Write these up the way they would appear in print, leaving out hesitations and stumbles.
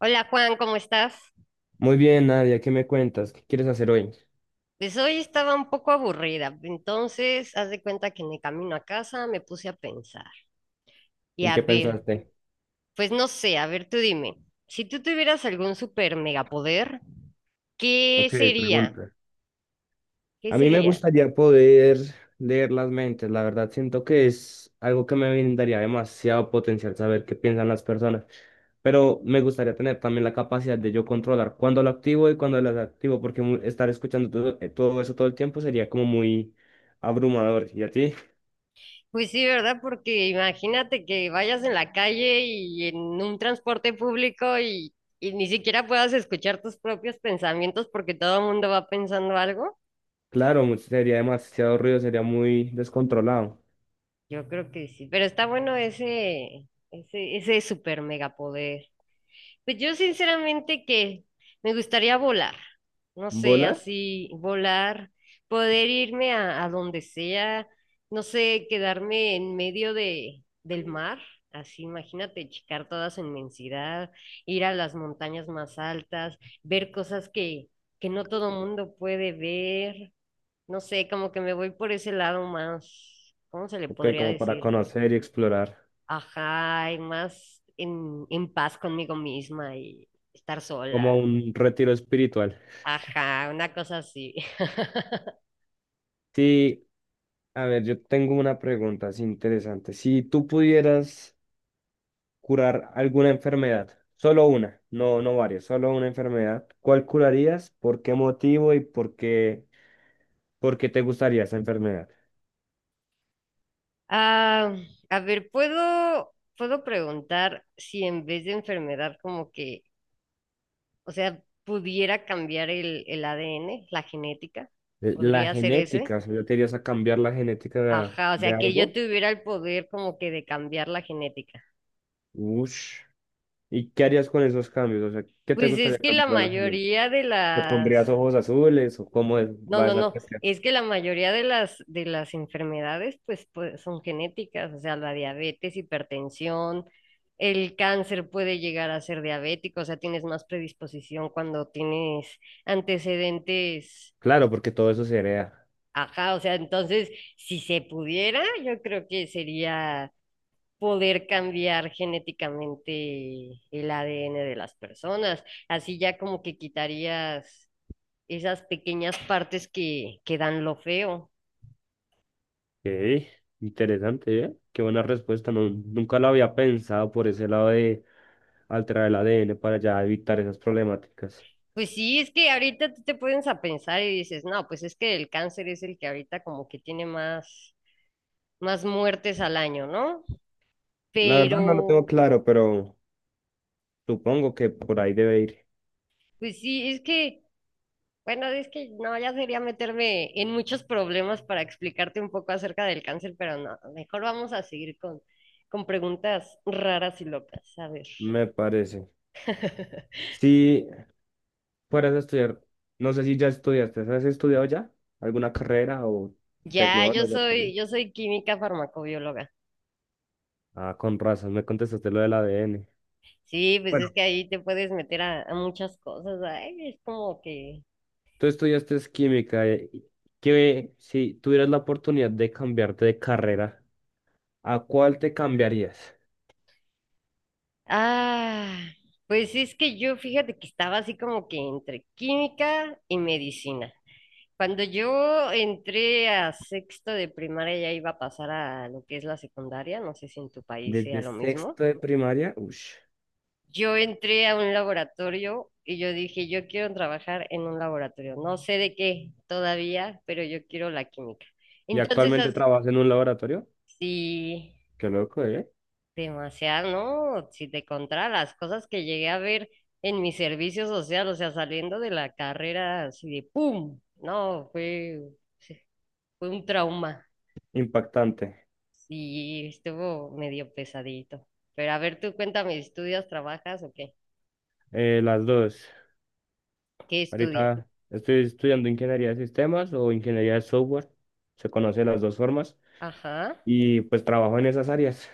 Hola Juan, ¿cómo estás? Muy bien, Nadia, ¿qué me cuentas? ¿Qué quieres hacer hoy? Pues hoy estaba un poco aburrida, entonces haz de cuenta que en el camino a casa me puse a pensar. Y ¿En a qué ver, pensaste? pues no sé, a ver tú dime, si tú tuvieras algún super megapoder, ¿qué Ok, sería? pregunta. ¿Qué A mí me sería? gustaría poder leer las mentes. La verdad, siento que es algo que me brindaría demasiado potencial saber qué piensan las personas. Pero me gustaría tener también la capacidad de yo controlar cuándo lo activo y cuándo lo desactivo, porque estar escuchando todo, todo eso todo el tiempo sería como muy abrumador. ¿Y a ti? Pues sí, ¿verdad? Porque imagínate que vayas en la calle y en un transporte público y ni siquiera puedas escuchar tus propios pensamientos porque todo el mundo va pensando algo. Claro, sería demasiado ruido, sería muy descontrolado. Yo creo que sí, pero está bueno ese super megapoder. Pues yo sinceramente que me gustaría volar, no sé, ¿Volar? así volar, poder irme a donde sea, no sé, quedarme en medio del mar, así imagínate, checar toda su inmensidad, ir a las montañas más altas, ver cosas que no todo mundo puede ver, no sé, como que me voy por ese lado más, ¿cómo se le Ok, podría como para decir? conocer y explorar. Ajá, y más en paz conmigo misma y estar Como sola. un retiro espiritual. Ajá, una cosa así. Sí, a ver, yo tengo una pregunta así interesante. Si tú pudieras curar alguna enfermedad, solo una, no varias, solo una enfermedad, ¿cuál curarías? ¿Por qué motivo y por qué te gustaría esa enfermedad? Ah, a ver, ¿puedo preguntar si en vez de enfermedad como que, o sea, pudiera cambiar el ADN, la genética? La ¿Podría ser ese? genética, o sea, ¿yo te irías a cambiar la genética Ajá, o de sea, que yo algo? tuviera el poder como que de cambiar la genética. Ush. ¿Y qué harías con esos cambios? O sea, ¿qué te Pues es gustaría que la cambiar de la genética? mayoría de ¿Te pondrías las. ojos azules o No, va no, esa no. cuestión? Es que la mayoría de las enfermedades pues, pues, son genéticas, o sea, la diabetes, hipertensión, el cáncer puede llegar a ser diabético, o sea, tienes más predisposición cuando tienes antecedentes, Claro, porque todo eso se hereda. ajá, o sea, entonces, si se pudiera, yo creo que sería poder cambiar genéticamente el ADN de las personas, así ya como que quitarías esas pequeñas partes que dan lo feo. Ok, interesante, ¿eh? Qué buena respuesta. No, nunca la había pensado por ese lado de alterar el ADN para ya evitar esas problemáticas. Pues sí, es que ahorita tú te pones a pensar y dices, no, pues es que el cáncer es el que ahorita como que tiene más, más muertes al año, ¿no? La verdad no lo tengo Pero, claro, pero supongo que por ahí debe ir, pues sí, es que, bueno, es que no, ya sería meterme en muchos problemas para explicarte un poco acerca del cáncer, pero no, mejor vamos a seguir con preguntas raras y locas. A ver. me parece. Si fueras a estudiar, no sé si ya estudiaste, ¿has estudiado ya alguna carrera o Ya, tecnólogo? Yo soy química farmacobióloga. Ah, con razón, me contestaste lo del ADN. Sí, pues es Bueno, que ahí te puedes meter a muchas cosas. Ay, es como que. tú estudiaste es química, que si tuvieras la oportunidad de cambiarte de carrera. ¿A cuál te cambiarías? Ah, pues sí, es que yo fíjate que estaba así como que entre química y medicina. Cuando yo entré a sexto de primaria ya iba a pasar a lo que es la secundaria, no sé si en tu país sea Desde lo mismo. sexto de primaria, ush, Yo entré a un laboratorio y yo dije, yo quiero trabajar en un laboratorio, no sé de qué todavía, pero yo quiero la química. y Entonces, actualmente trabajas en un laboratorio. sí. Qué loco, ¿eh? Demasiado, ¿no? Si te contara las cosas que llegué a ver en mi servicio social, o sea, saliendo de la carrera así de ¡pum! No, fue, sí, fue un trauma. Impactante. Sí, estuvo medio pesadito. Pero a ver, tú cuéntame, ¿estudias, trabajas o qué? Las dos. ¿Qué estudias? Ahorita estoy estudiando ingeniería de sistemas o ingeniería de software. Se conoce las dos formas. Ajá. Y pues trabajo en esas áreas.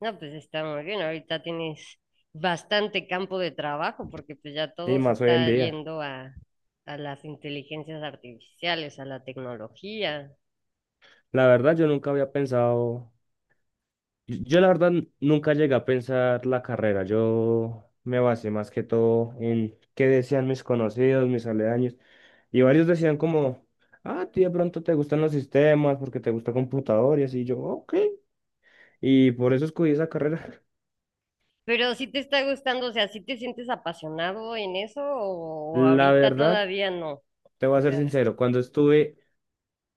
No, pues está muy bien. Ahorita tienes bastante campo de trabajo porque pues ya Y todo se más hoy en está día. yendo a las inteligencias artificiales, a la tecnología. La verdad, yo nunca había pensado. Yo la verdad nunca llegué a pensar la carrera, yo me basé más que todo en qué decían mis conocidos, mis aledaños, y varios decían como, ah, tío, de pronto te gustan los sistemas porque te gusta computador y así, yo, ok, y por eso escogí esa carrera. Pero si te está gustando, o sea, si te sientes apasionado en eso o, ¿o La ahorita verdad, todavía no? te voy a O ser sea, sincero, cuando estuve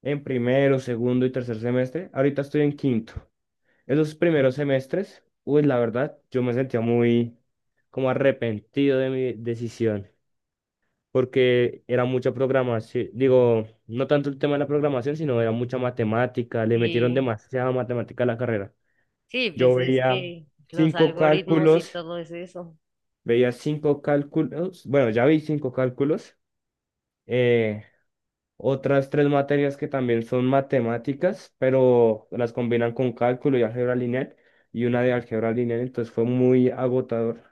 en primero, segundo y tercer semestre, ahorita estoy en quinto. Esos primeros semestres, uy, la verdad, yo me sentía muy como arrepentido de mi decisión. Porque era mucha programación, digo, no tanto el tema de la programación, sino era mucha matemática, le metieron sí, demasiada matemática a la carrera. sí, Yo pues es que los cinco algoritmos y cálculos, todo es eso. veía cinco cálculos, bueno, ya vi cinco cálculos, eh, otras tres materias que también son matemáticas, pero las combinan con cálculo y álgebra lineal, y una de álgebra lineal, entonces fue muy agotador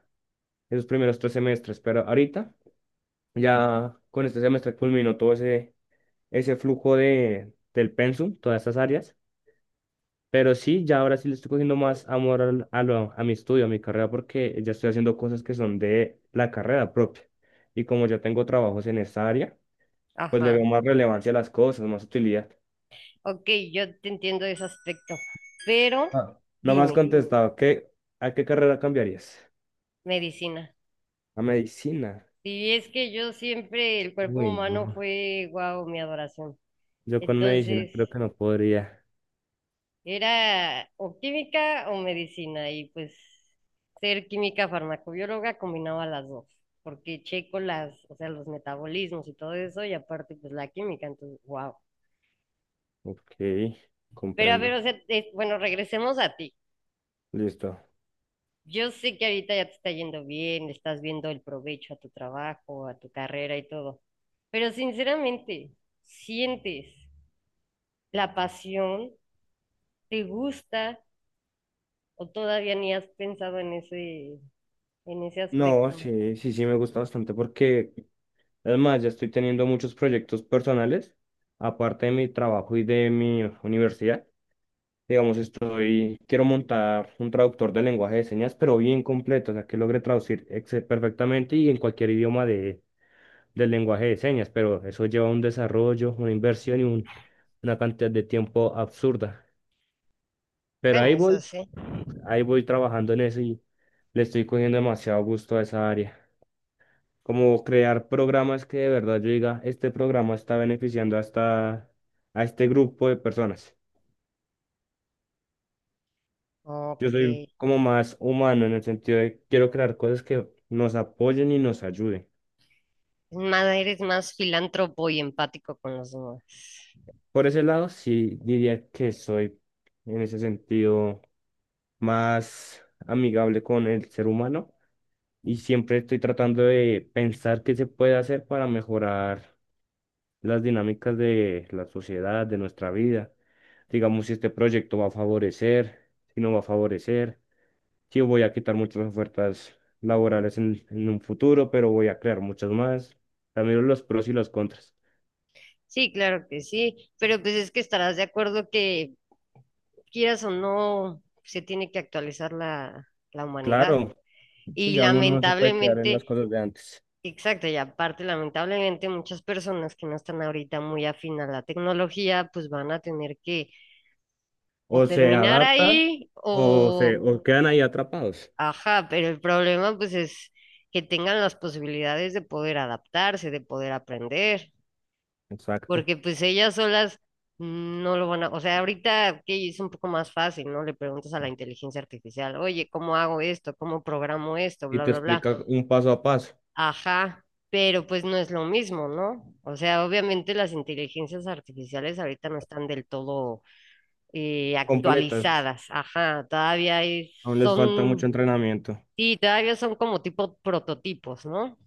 esos primeros tres semestres, pero ahorita ya con este semestre culminó todo ese ese flujo del pensum, todas estas áreas. Pero sí, ya ahora sí le estoy cogiendo más amor a, a mi estudio, a mi carrera, porque ya estoy haciendo cosas que son de la carrera propia. Y como yo tengo trabajos en esta área, pues le Ajá. veo más relevancia a las cosas, más utilidad. Ok, yo te entiendo ese aspecto. Pero Ah, no me has dime, contestado, ¿qué, a qué carrera cambiarías? medicina. ¿A medicina? Si es que yo siempre, el cuerpo Uy, humano no. fue, wow, mi adoración. Yo con medicina Entonces, creo que no podría. era o química o medicina y pues ser química farmacobióloga combinaba las dos, porque checo las, o sea, los metabolismos y todo eso y aparte pues la química, entonces, wow. Ok, Pero a ver, comprendo. o sea, bueno, regresemos a ti. Listo. Yo sé que ahorita ya te está yendo bien, le estás viendo el provecho a tu trabajo, a tu carrera y todo, pero sinceramente, ¿sientes la pasión? ¿Te gusta o todavía ni has pensado en ese No, aspecto? sí, sí, sí, me gusta bastante porque además, ya estoy teniendo muchos proyectos personales, aparte de mi trabajo y de mi universidad. Digamos, estoy, quiero montar un traductor de lenguaje de señas, pero bien completo, o sea, que logre traducir perfectamente y en cualquier idioma de, del lenguaje de señas, pero eso lleva un desarrollo, una inversión y una cantidad de tiempo absurda. Pero Bueno, eso sí. ahí voy trabajando en eso y le estoy cogiendo demasiado gusto a esa área. Como crear programas que de verdad yo diga, este programa está beneficiando hasta a este grupo de personas. Yo Ok. soy Es. como más humano en el sentido de quiero crear cosas que nos apoyen y nos ayuden. Más, eres más filántropo y empático con los demás. Por ese lado, sí diría que soy en ese sentido más amigable con el ser humano y siempre estoy tratando de pensar qué se puede hacer para mejorar las dinámicas de la sociedad, de nuestra vida. Digamos, si este proyecto va a favorecer, si no va a favorecer, si voy a quitar muchas ofertas laborales en un futuro, pero voy a crear muchas más. También los pros y los contras. Sí, claro que sí. Pero pues es que estarás de acuerdo que quieras o no, se tiene que actualizar la humanidad. Claro, si Y ya uno no se puede quedar en las lamentablemente, cosas de antes. exacto, y aparte, lamentablemente muchas personas que no están ahorita muy afín a la tecnología, pues van a tener que o O se terminar adaptan ahí o se o. o quedan ahí atrapados. Ajá, pero el problema pues es que tengan las posibilidades de poder adaptarse, de poder aprender, Exacto. porque pues ellas solas no lo van a, o sea, ahorita que es un poco más fácil, ¿no? Le preguntas a la inteligencia artificial, oye, ¿cómo hago esto? ¿Cómo programo esto? Y Bla, te bla, bla. explica un paso a paso, Ajá, pero pues no es lo mismo, ¿no? O sea, obviamente las inteligencias artificiales ahorita no están del todo completas. actualizadas, ajá, todavía hay- Aún les falta mucho son. entrenamiento. Y todavía son como tipo prototipos, ¿no?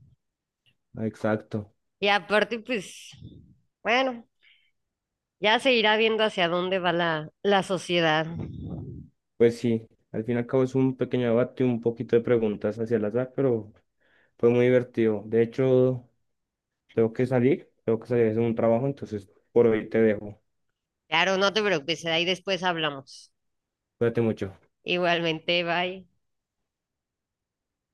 Exacto. Y aparte, pues, bueno, ya se irá viendo hacia dónde va la sociedad. Pues sí, al fin y al cabo es un pequeño debate, un poquito de preguntas hacia el azar, pero fue muy divertido. De hecho, tengo que salir a hacer un trabajo, entonces por hoy te dejo. Claro, no te preocupes, ahí después hablamos. Cuídate mucho. Igualmente, bye.